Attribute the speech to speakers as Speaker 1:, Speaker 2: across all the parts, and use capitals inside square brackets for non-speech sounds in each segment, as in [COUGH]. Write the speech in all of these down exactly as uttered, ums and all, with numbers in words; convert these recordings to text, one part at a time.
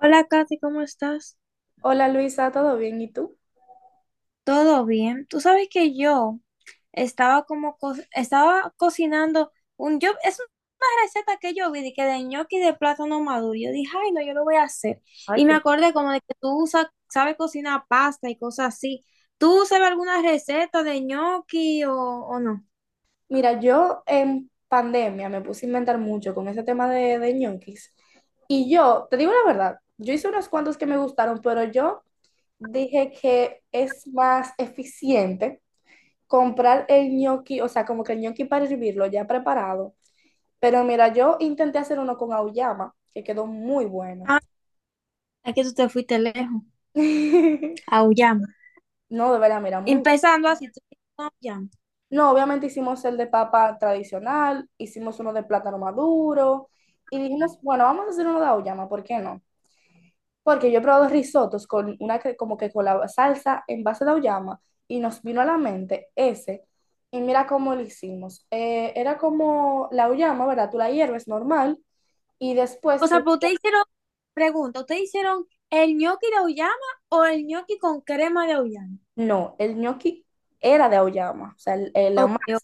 Speaker 1: Hola Katy, ¿cómo estás?
Speaker 2: Hola Luisa, ¿todo bien? ¿Y tú?
Speaker 1: ¿Todo bien? Tú sabes que yo estaba como co- estaba cocinando un yo es una receta que yo vi de que de ñoqui de plátano maduro. Yo dije, "Ay, no, yo lo voy a hacer."
Speaker 2: Ay,
Speaker 1: Y me
Speaker 2: qué...
Speaker 1: acordé como de que tú usas- sabes cocinar pasta y cosas así. ¿Tú sabes alguna receta de ñoqui o, o no?
Speaker 2: Mira, yo en pandemia me puse a inventar mucho con ese tema de, de ñoquis. Y yo, te digo la verdad, yo hice unos cuantos que me gustaron, pero yo dije que es más eficiente comprar el ñoqui, o sea, como que el ñoqui para hervirlo ya preparado. Pero mira, yo intenté hacer uno con auyama, que quedó muy bueno.
Speaker 1: Ah, es que tú te fuiste lejos,
Speaker 2: [LAUGHS]
Speaker 1: a Uyama.
Speaker 2: No, de verdad, mira, muy...
Speaker 1: Empezando así, tú fuiste a Uyama.
Speaker 2: No, obviamente hicimos el de papa tradicional, hicimos uno de plátano maduro y dijimos, bueno, vamos a hacer uno de auyama, ¿por qué no? Porque yo he probado risotos con una que- como que con la salsa en base de auyama y nos vino a la mente ese. Y mira cómo lo hicimos. Eh, era como la auyama, ¿verdad? Tú la hierves normal y
Speaker 1: O
Speaker 2: después
Speaker 1: sea,
Speaker 2: tú...
Speaker 1: pero ustedes hicieron, pregunta, ¿ustedes hicieron el ñoqui de auyama o el ñoqui con crema de auyama?
Speaker 2: No, el ñoqui era de auyama, o sea, el- el- la...
Speaker 1: Ok, o-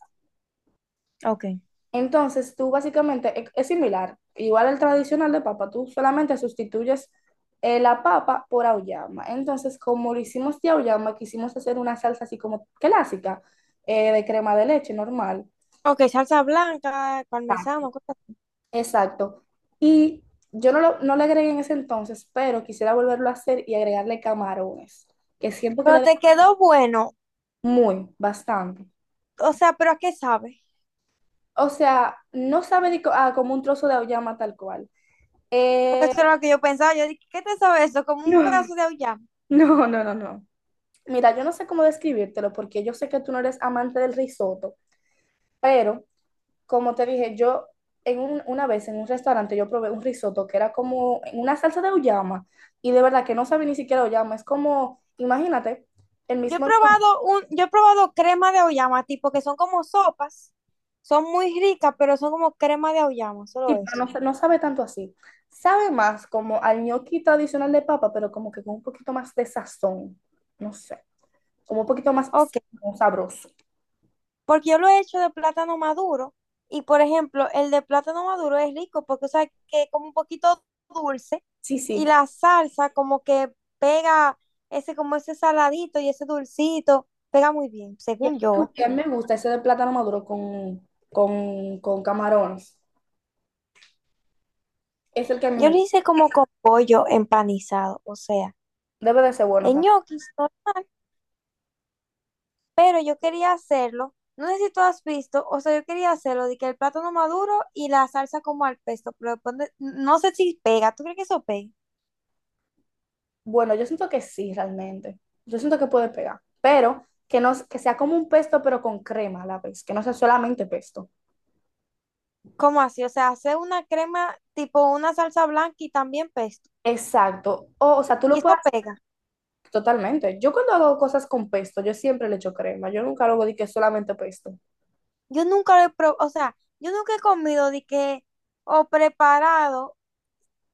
Speaker 1: ok.
Speaker 2: Entonces, tú básicamente es, es similar, igual al tradicional de papa, tú solamente sustituyes eh, la papa por auyama. Entonces, como lo hicimos de auyama, quisimos hacer una salsa así como clásica, eh, de crema de leche normal.
Speaker 1: Ok, salsa blanca,
Speaker 2: Ah,
Speaker 1: parmesano, cosas así.
Speaker 2: exacto. Y yo no, lo- no le agregué en ese entonces, pero quisiera volverlo a hacer y agregarle camarones, que siento que le
Speaker 1: Pero
Speaker 2: da
Speaker 1: te quedó bueno.
Speaker 2: muy, bastante.
Speaker 1: O sea, ¿pero a qué sabe?
Speaker 2: O sea, no sabe de co- ah, como un trozo de auyama tal cual.
Speaker 1: Porque
Speaker 2: Eh,
Speaker 1: eso era lo que yo pensaba. Yo dije, ¿qué te sabe eso?
Speaker 2: [LAUGHS]
Speaker 1: Como un
Speaker 2: no,
Speaker 1: pedazo de auyama.
Speaker 2: no, no, no, no. Mira, yo no sé cómo describírtelo porque yo sé que tú no eres amante del risotto, pero como te dije, yo en un- una vez en un restaurante yo probé un risotto que era como en una salsa de uyama y de verdad que no sabe ni siquiera uyama, es como, imagínate, el
Speaker 1: Yo he
Speaker 2: mismo ñoqui,
Speaker 1: probado un, yo he probado crema de auyama, tipo que son como sopas. Son muy ricas, pero son como crema de auyama,
Speaker 2: sí,
Speaker 1: solo
Speaker 2: pero
Speaker 1: eso.
Speaker 2: no, sa- no sabe tanto así. Sabe más como al ñoqui tradicional de papa, pero como que con un poquito más de sazón, no sé, como un poquito más
Speaker 1: Ok.
Speaker 2: sabroso.
Speaker 1: Porque yo lo he hecho de plátano maduro. Y por ejemplo, el de plátano maduro es rico porque, o sea, que es como un poquito dulce
Speaker 2: Sí,
Speaker 1: y
Speaker 2: sí.
Speaker 1: la salsa como que pega ese, como ese saladito y ese dulcito, pega muy bien,
Speaker 2: Y el
Speaker 1: según yo.
Speaker 2: único que a
Speaker 1: ¿Eh?
Speaker 2: mí me gusta ese de plátano maduro con, con, con camarones. Es el que a mí
Speaker 1: Yo
Speaker 2: me
Speaker 1: lo
Speaker 2: gusta.
Speaker 1: hice como con pollo empanizado, o sea,
Speaker 2: Debe de ser bueno
Speaker 1: en
Speaker 2: también.
Speaker 1: ñoquis normal, pero yo quería hacerlo. No sé si tú has visto, o sea, yo quería hacerlo de que el plátano maduro y la salsa como al pesto, pero después de- no sé si pega. ¿Tú crees que eso pega?
Speaker 2: Bueno, yo siento que sí, realmente. Yo siento que puede pegar. Pero que, no, que sea como un pesto, pero con crema a la vez. Que no sea solamente pesto.
Speaker 1: ¿Cómo así? O sea, hacer una crema tipo una salsa blanca y también pesto.
Speaker 2: Exacto. O, o sea, tú
Speaker 1: Y
Speaker 2: lo
Speaker 1: eso
Speaker 2: puedes hacer
Speaker 1: pega.
Speaker 2: totalmente. Yo cuando hago cosas con pesto, yo siempre le echo crema. Yo nunca lo hago de que es solamente pesto.
Speaker 1: Yo nunca lo he probado, o sea, yo nunca he comido de que, o preparado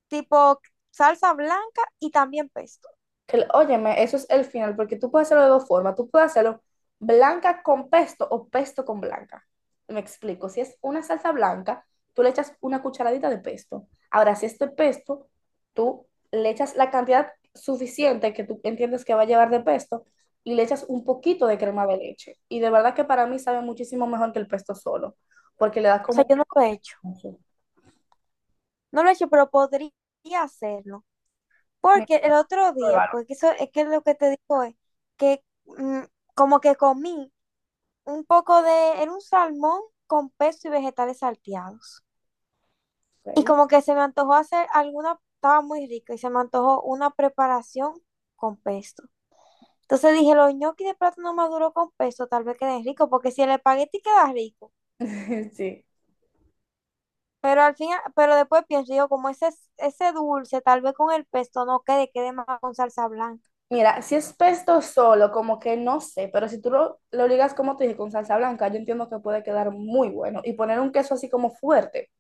Speaker 1: tipo salsa blanca y también pesto.
Speaker 2: Que, el- óyeme, eso es el final, porque tú puedes hacerlo de dos formas. Tú puedes hacerlo blanca con pesto o pesto con blanca. Me explico. Si es una salsa blanca, tú le echas una cucharadita de pesto. Ahora, si es de pesto, tú le echas la cantidad suficiente que tú entiendes que va a llevar de pesto y le echas un poquito de crema de leche. Y de verdad que para mí sabe muchísimo mejor que el pesto solo, porque le da
Speaker 1: O sea,
Speaker 2: como...
Speaker 1: yo no lo he hecho. No lo he hecho, pero podría hacerlo.
Speaker 2: Me-
Speaker 1: Porque el otro día,
Speaker 2: pruébalo.
Speaker 1: porque eso es que lo que te digo es que mm, como que comí un poco de, era un salmón con pesto y vegetales salteados. Y
Speaker 2: Ok.
Speaker 1: como que se me antojó hacer alguna, estaba muy rico y se me antojó una preparación con pesto. Entonces dije, los ñoquis de plátano no maduro con pesto tal vez queden ricos, porque si el espagueti queda rico,
Speaker 2: [LAUGHS] Sí.
Speaker 1: pero al final, pero después pienso yo, como ese, ese dulce, tal vez con el pesto no quede, quede más con salsa blanca.
Speaker 2: Mira, si es pesto solo, como que no sé, pero si tú lo, lo ligas como te dije, con salsa blanca, yo entiendo que puede quedar muy bueno. Y poner un queso así como fuerte,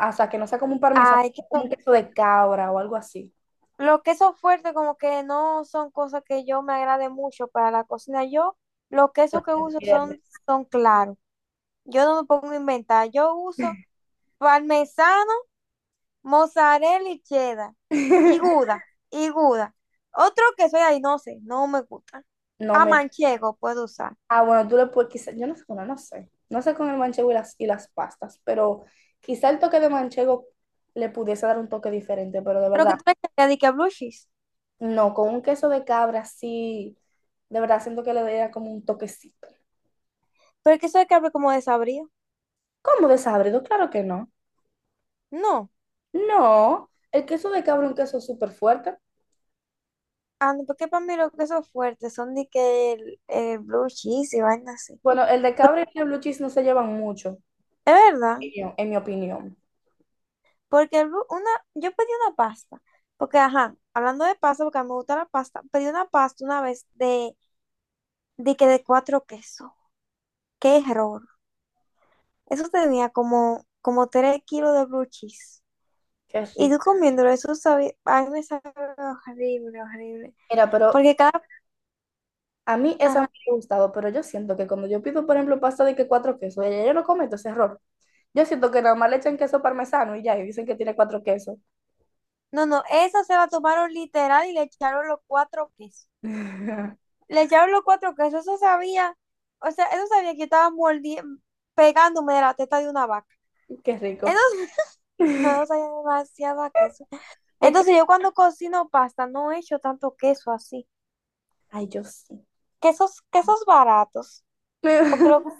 Speaker 2: hasta que no sea como un parmesano,
Speaker 1: Ay, qué.
Speaker 2: como un queso de cabra o algo así.
Speaker 1: Los quesos fuertes como que no son cosas que yo me agrade mucho para la cocina. Yo los quesos que
Speaker 2: Se
Speaker 1: uso
Speaker 2: pierde.
Speaker 1: son, son claros. Yo no me pongo a inventar. Yo uso parmesano, mozzarella y cheddar. Y
Speaker 2: [LAUGHS]
Speaker 1: gouda, y gouda. Otro queso ahí, no sé, no me gusta.
Speaker 2: No
Speaker 1: A
Speaker 2: me...
Speaker 1: manchego puedo usar.
Speaker 2: Ah, bueno, tú le puedes, quizá, yo no sé, bueno, no sé, no sé con el manchego y las, y las pastas, pero quizá el toque de manchego le pudiese dar un toque diferente, pero de
Speaker 1: Pero que
Speaker 2: verdad,
Speaker 1: tú me digas de que blue cheese.
Speaker 2: no, con un queso de cabra sí, de verdad siento que le daría como un toquecito.
Speaker 1: Pero el queso de cabra como desabrido.
Speaker 2: ¿Cómo desabrido? Claro que no.
Speaker 1: No.
Speaker 2: No, el queso de cabra es un queso súper fuerte.
Speaker 1: Ah, no, porque para mí los quesos fuertes son de que el, el blue cheese y vaina así.
Speaker 2: Bueno, el de cabra y el blue cheese no se llevan mucho,
Speaker 1: Es verdad.
Speaker 2: en mi en mi opinión.
Speaker 1: Porque el bu- una, yo pedí una pasta, porque ajá, hablando de pasta, porque a mí me gusta la pasta, pedí una pasta una vez de, de que de cuatro quesos. Qué error. Eso tenía como, como tres kilos de blue cheese.
Speaker 2: Que sí.
Speaker 1: Y tú comiéndolo, eso sabía, a mí me sabe horrible, horrible.
Speaker 2: Mira, pero
Speaker 1: Porque cada,
Speaker 2: a mí esa no
Speaker 1: ajá,
Speaker 2: me ha gustado, pero yo siento que cuando yo pido, por ejemplo, pasta de que cuatro quesos, ella yo no cometo ese error. Yo siento que nada más le echan queso parmesano y ya, y dicen que tiene cuatro quesos.
Speaker 1: no, no, eso se la tomaron literal y le echaron los cuatro quesos.
Speaker 2: [LAUGHS]
Speaker 1: Le echaron los cuatro quesos, eso sabía, o sea, eso sabía que yo estaba mordiendo, pegándome de la teta de una vaca.
Speaker 2: Qué rico.
Speaker 1: Eso, no
Speaker 2: [LAUGHS]
Speaker 1: soy demasiado queso.
Speaker 2: Es que,
Speaker 1: Entonces yo cuando cocino pasta no he hecho tanto queso así.
Speaker 2: ay, yo sí.
Speaker 1: Quesos, quesos baratos. Porque lo que
Speaker 2: [LAUGHS]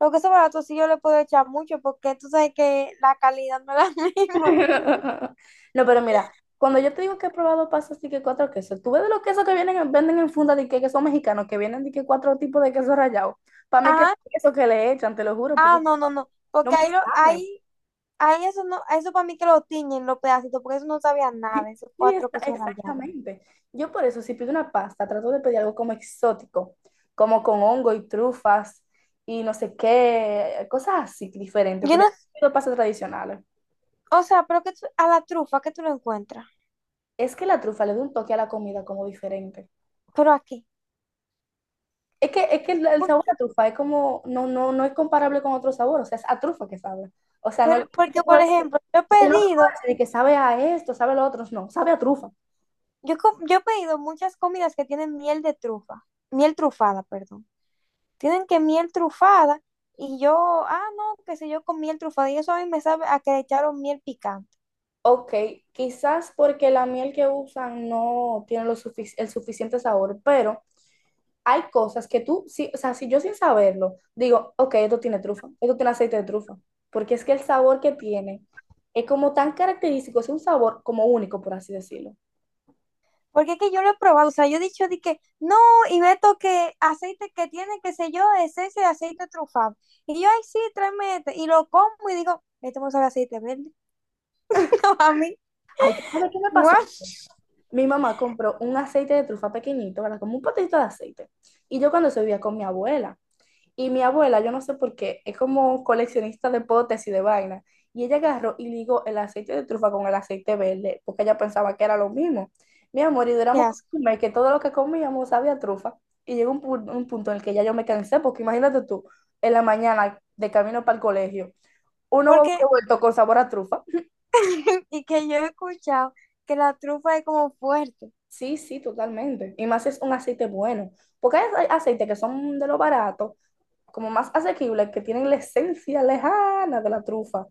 Speaker 1: lo que son baratos sí yo le puedo echar mucho porque tú sabes que la calidad no es la [LAUGHS] misma.
Speaker 2: [LAUGHS] No, pero mira, cuando yo te digo que he probado pastas de que cuatro quesos, tú ves de los quesos que vienen, en- venden en funda de que que son mexicanos, que vienen de que cuatro tipos de queso rallado. Para mí que es
Speaker 1: Ajá.
Speaker 2: queso que le echan, te lo juro,
Speaker 1: Ah,
Speaker 2: porque
Speaker 1: no, no, no.
Speaker 2: no
Speaker 1: Porque
Speaker 2: me
Speaker 1: ahí, lo,
Speaker 2: saben.
Speaker 1: ahí, ahí eso no, eso para mí que lo tiñen los pedacitos, porque eso no sabía
Speaker 2: [LAUGHS]
Speaker 1: nada, esos
Speaker 2: Sí,
Speaker 1: cuatro
Speaker 2: está,
Speaker 1: quesos rallados.
Speaker 2: exactamente. Yo por eso, si pido una pasta, trato de pedir algo como exótico, como con hongo y trufas y no sé qué, cosas así diferentes,
Speaker 1: Yo
Speaker 2: pero yo
Speaker 1: no,
Speaker 2: pido pastas tradicionales.
Speaker 1: o sea, pero que tú- a la trufa que tú lo encuentras.
Speaker 2: Es que la trufa le da un toque a la comida como diferente.
Speaker 1: Pero aquí.
Speaker 2: Es que, es que el el
Speaker 1: ¿Por
Speaker 2: sabor
Speaker 1: qué?
Speaker 2: a trufa es como, no, no, no es comparable con otro sabor, o sea, es a trufa que sabe. O sea, no es
Speaker 1: Pero
Speaker 2: que te
Speaker 1: porque, por
Speaker 2: puedo decir,
Speaker 1: ejemplo, yo he
Speaker 2: o sea, yo no te puedo
Speaker 1: pedido.
Speaker 2: decir que sabe a esto, sabe a lo otro, no, sabe a trufa.
Speaker 1: Yo, com- yo he pedido muchas comidas que tienen miel de trufa, miel trufada, perdón. Tienen que miel trufada y yo, ah, no, qué sé yo, con miel trufada y eso a mí me sabe a que le echaron miel picante.
Speaker 2: Ok, quizás porque la miel que usan no tiene lo sufic- el suficiente sabor, pero hay cosas que tú, sí, o sea, si yo sin saberlo digo, ok, esto tiene trufa, esto tiene aceite de trufa, porque es que el sabor que tiene es como tan característico, es un sabor como único, por así decirlo.
Speaker 1: Porque es que yo lo he probado, o sea, yo he dicho de que no, y meto que aceite que tiene, qué sé yo, esencia de aceite trufado. Y yo, ay, sí, tráeme este. Y lo como y digo, esto me sabe a aceite verde. [LAUGHS] No, a mí,
Speaker 2: Ay, ¿sabes qué me pasó?
Speaker 1: guau,
Speaker 2: Mi mamá compró un aceite de trufa pequeñito, ¿verdad? Como un potito de aceite. Y yo cuando eso vivía con mi abuela. Y mi abuela, yo no sé por qué, es como coleccionista de potes y de vainas. Y ella agarró y ligó el aceite de trufa con el aceite verde, porque ella pensaba que era lo mismo. Mi amor, y
Speaker 1: qué
Speaker 2: duramos
Speaker 1: asco.
Speaker 2: como que todo lo que comíamos sabía a trufa. Y llegó un, pu- un punto en el que ya yo me cansé, porque imagínate tú, en la mañana de camino para el colegio, uno huevo
Speaker 1: Porque,
Speaker 2: revuelto con sabor a trufa.
Speaker 1: [LAUGHS] y que yo he escuchado que la trufa es como fuerte.
Speaker 2: Sí, sí, totalmente. Y más si es un aceite bueno. Porque hay hay aceites que son de lo barato, como más asequibles, que tienen la esencia lejana de la trufa.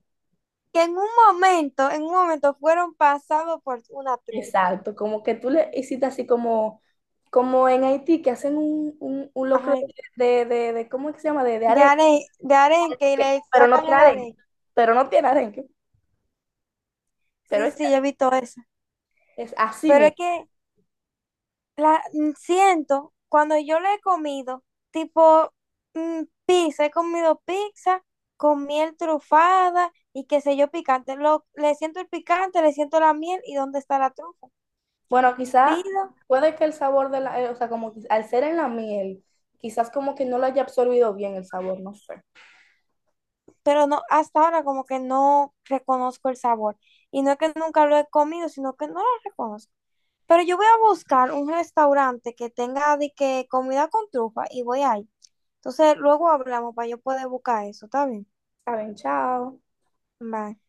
Speaker 1: Que en un momento, en un momento fueron pasados por una trufa.
Speaker 2: Exacto, como que tú le hiciste así como, como en Haití, que hacen un, un, un locro
Speaker 1: Ay,
Speaker 2: de, de, de, de- ¿cómo es que se llama? De, de
Speaker 1: de
Speaker 2: arenque,
Speaker 1: aren, de aren, que le
Speaker 2: pero no
Speaker 1: sacan
Speaker 2: tiene
Speaker 1: el
Speaker 2: arenque,
Speaker 1: aren.
Speaker 2: pero no tiene arenque, pero
Speaker 1: Sí,
Speaker 2: es,
Speaker 1: sí, yo he visto eso.
Speaker 2: es así
Speaker 1: Pero es
Speaker 2: mismo.
Speaker 1: que la mm, siento, cuando yo le he comido, tipo mm, pizza, he comido pizza con miel trufada y qué sé yo, picante. Lo, le siento el picante, le siento la miel y dónde está la trufa.
Speaker 2: Bueno, quizá
Speaker 1: Pido,
Speaker 2: puede que el sabor de la, eh, o sea, como que al ser en la miel, quizás como que no lo haya absorbido bien el sabor, no sé.
Speaker 1: pero no, hasta ahora como que no reconozco el sabor. Y no es que nunca lo he comido, sino que no lo reconozco. Pero yo voy a buscar un restaurante que tenga de que comida con trufa y voy ahí. Entonces, luego hablamos para yo poder buscar eso, ¿está bien?
Speaker 2: Saben, chao.
Speaker 1: Bye.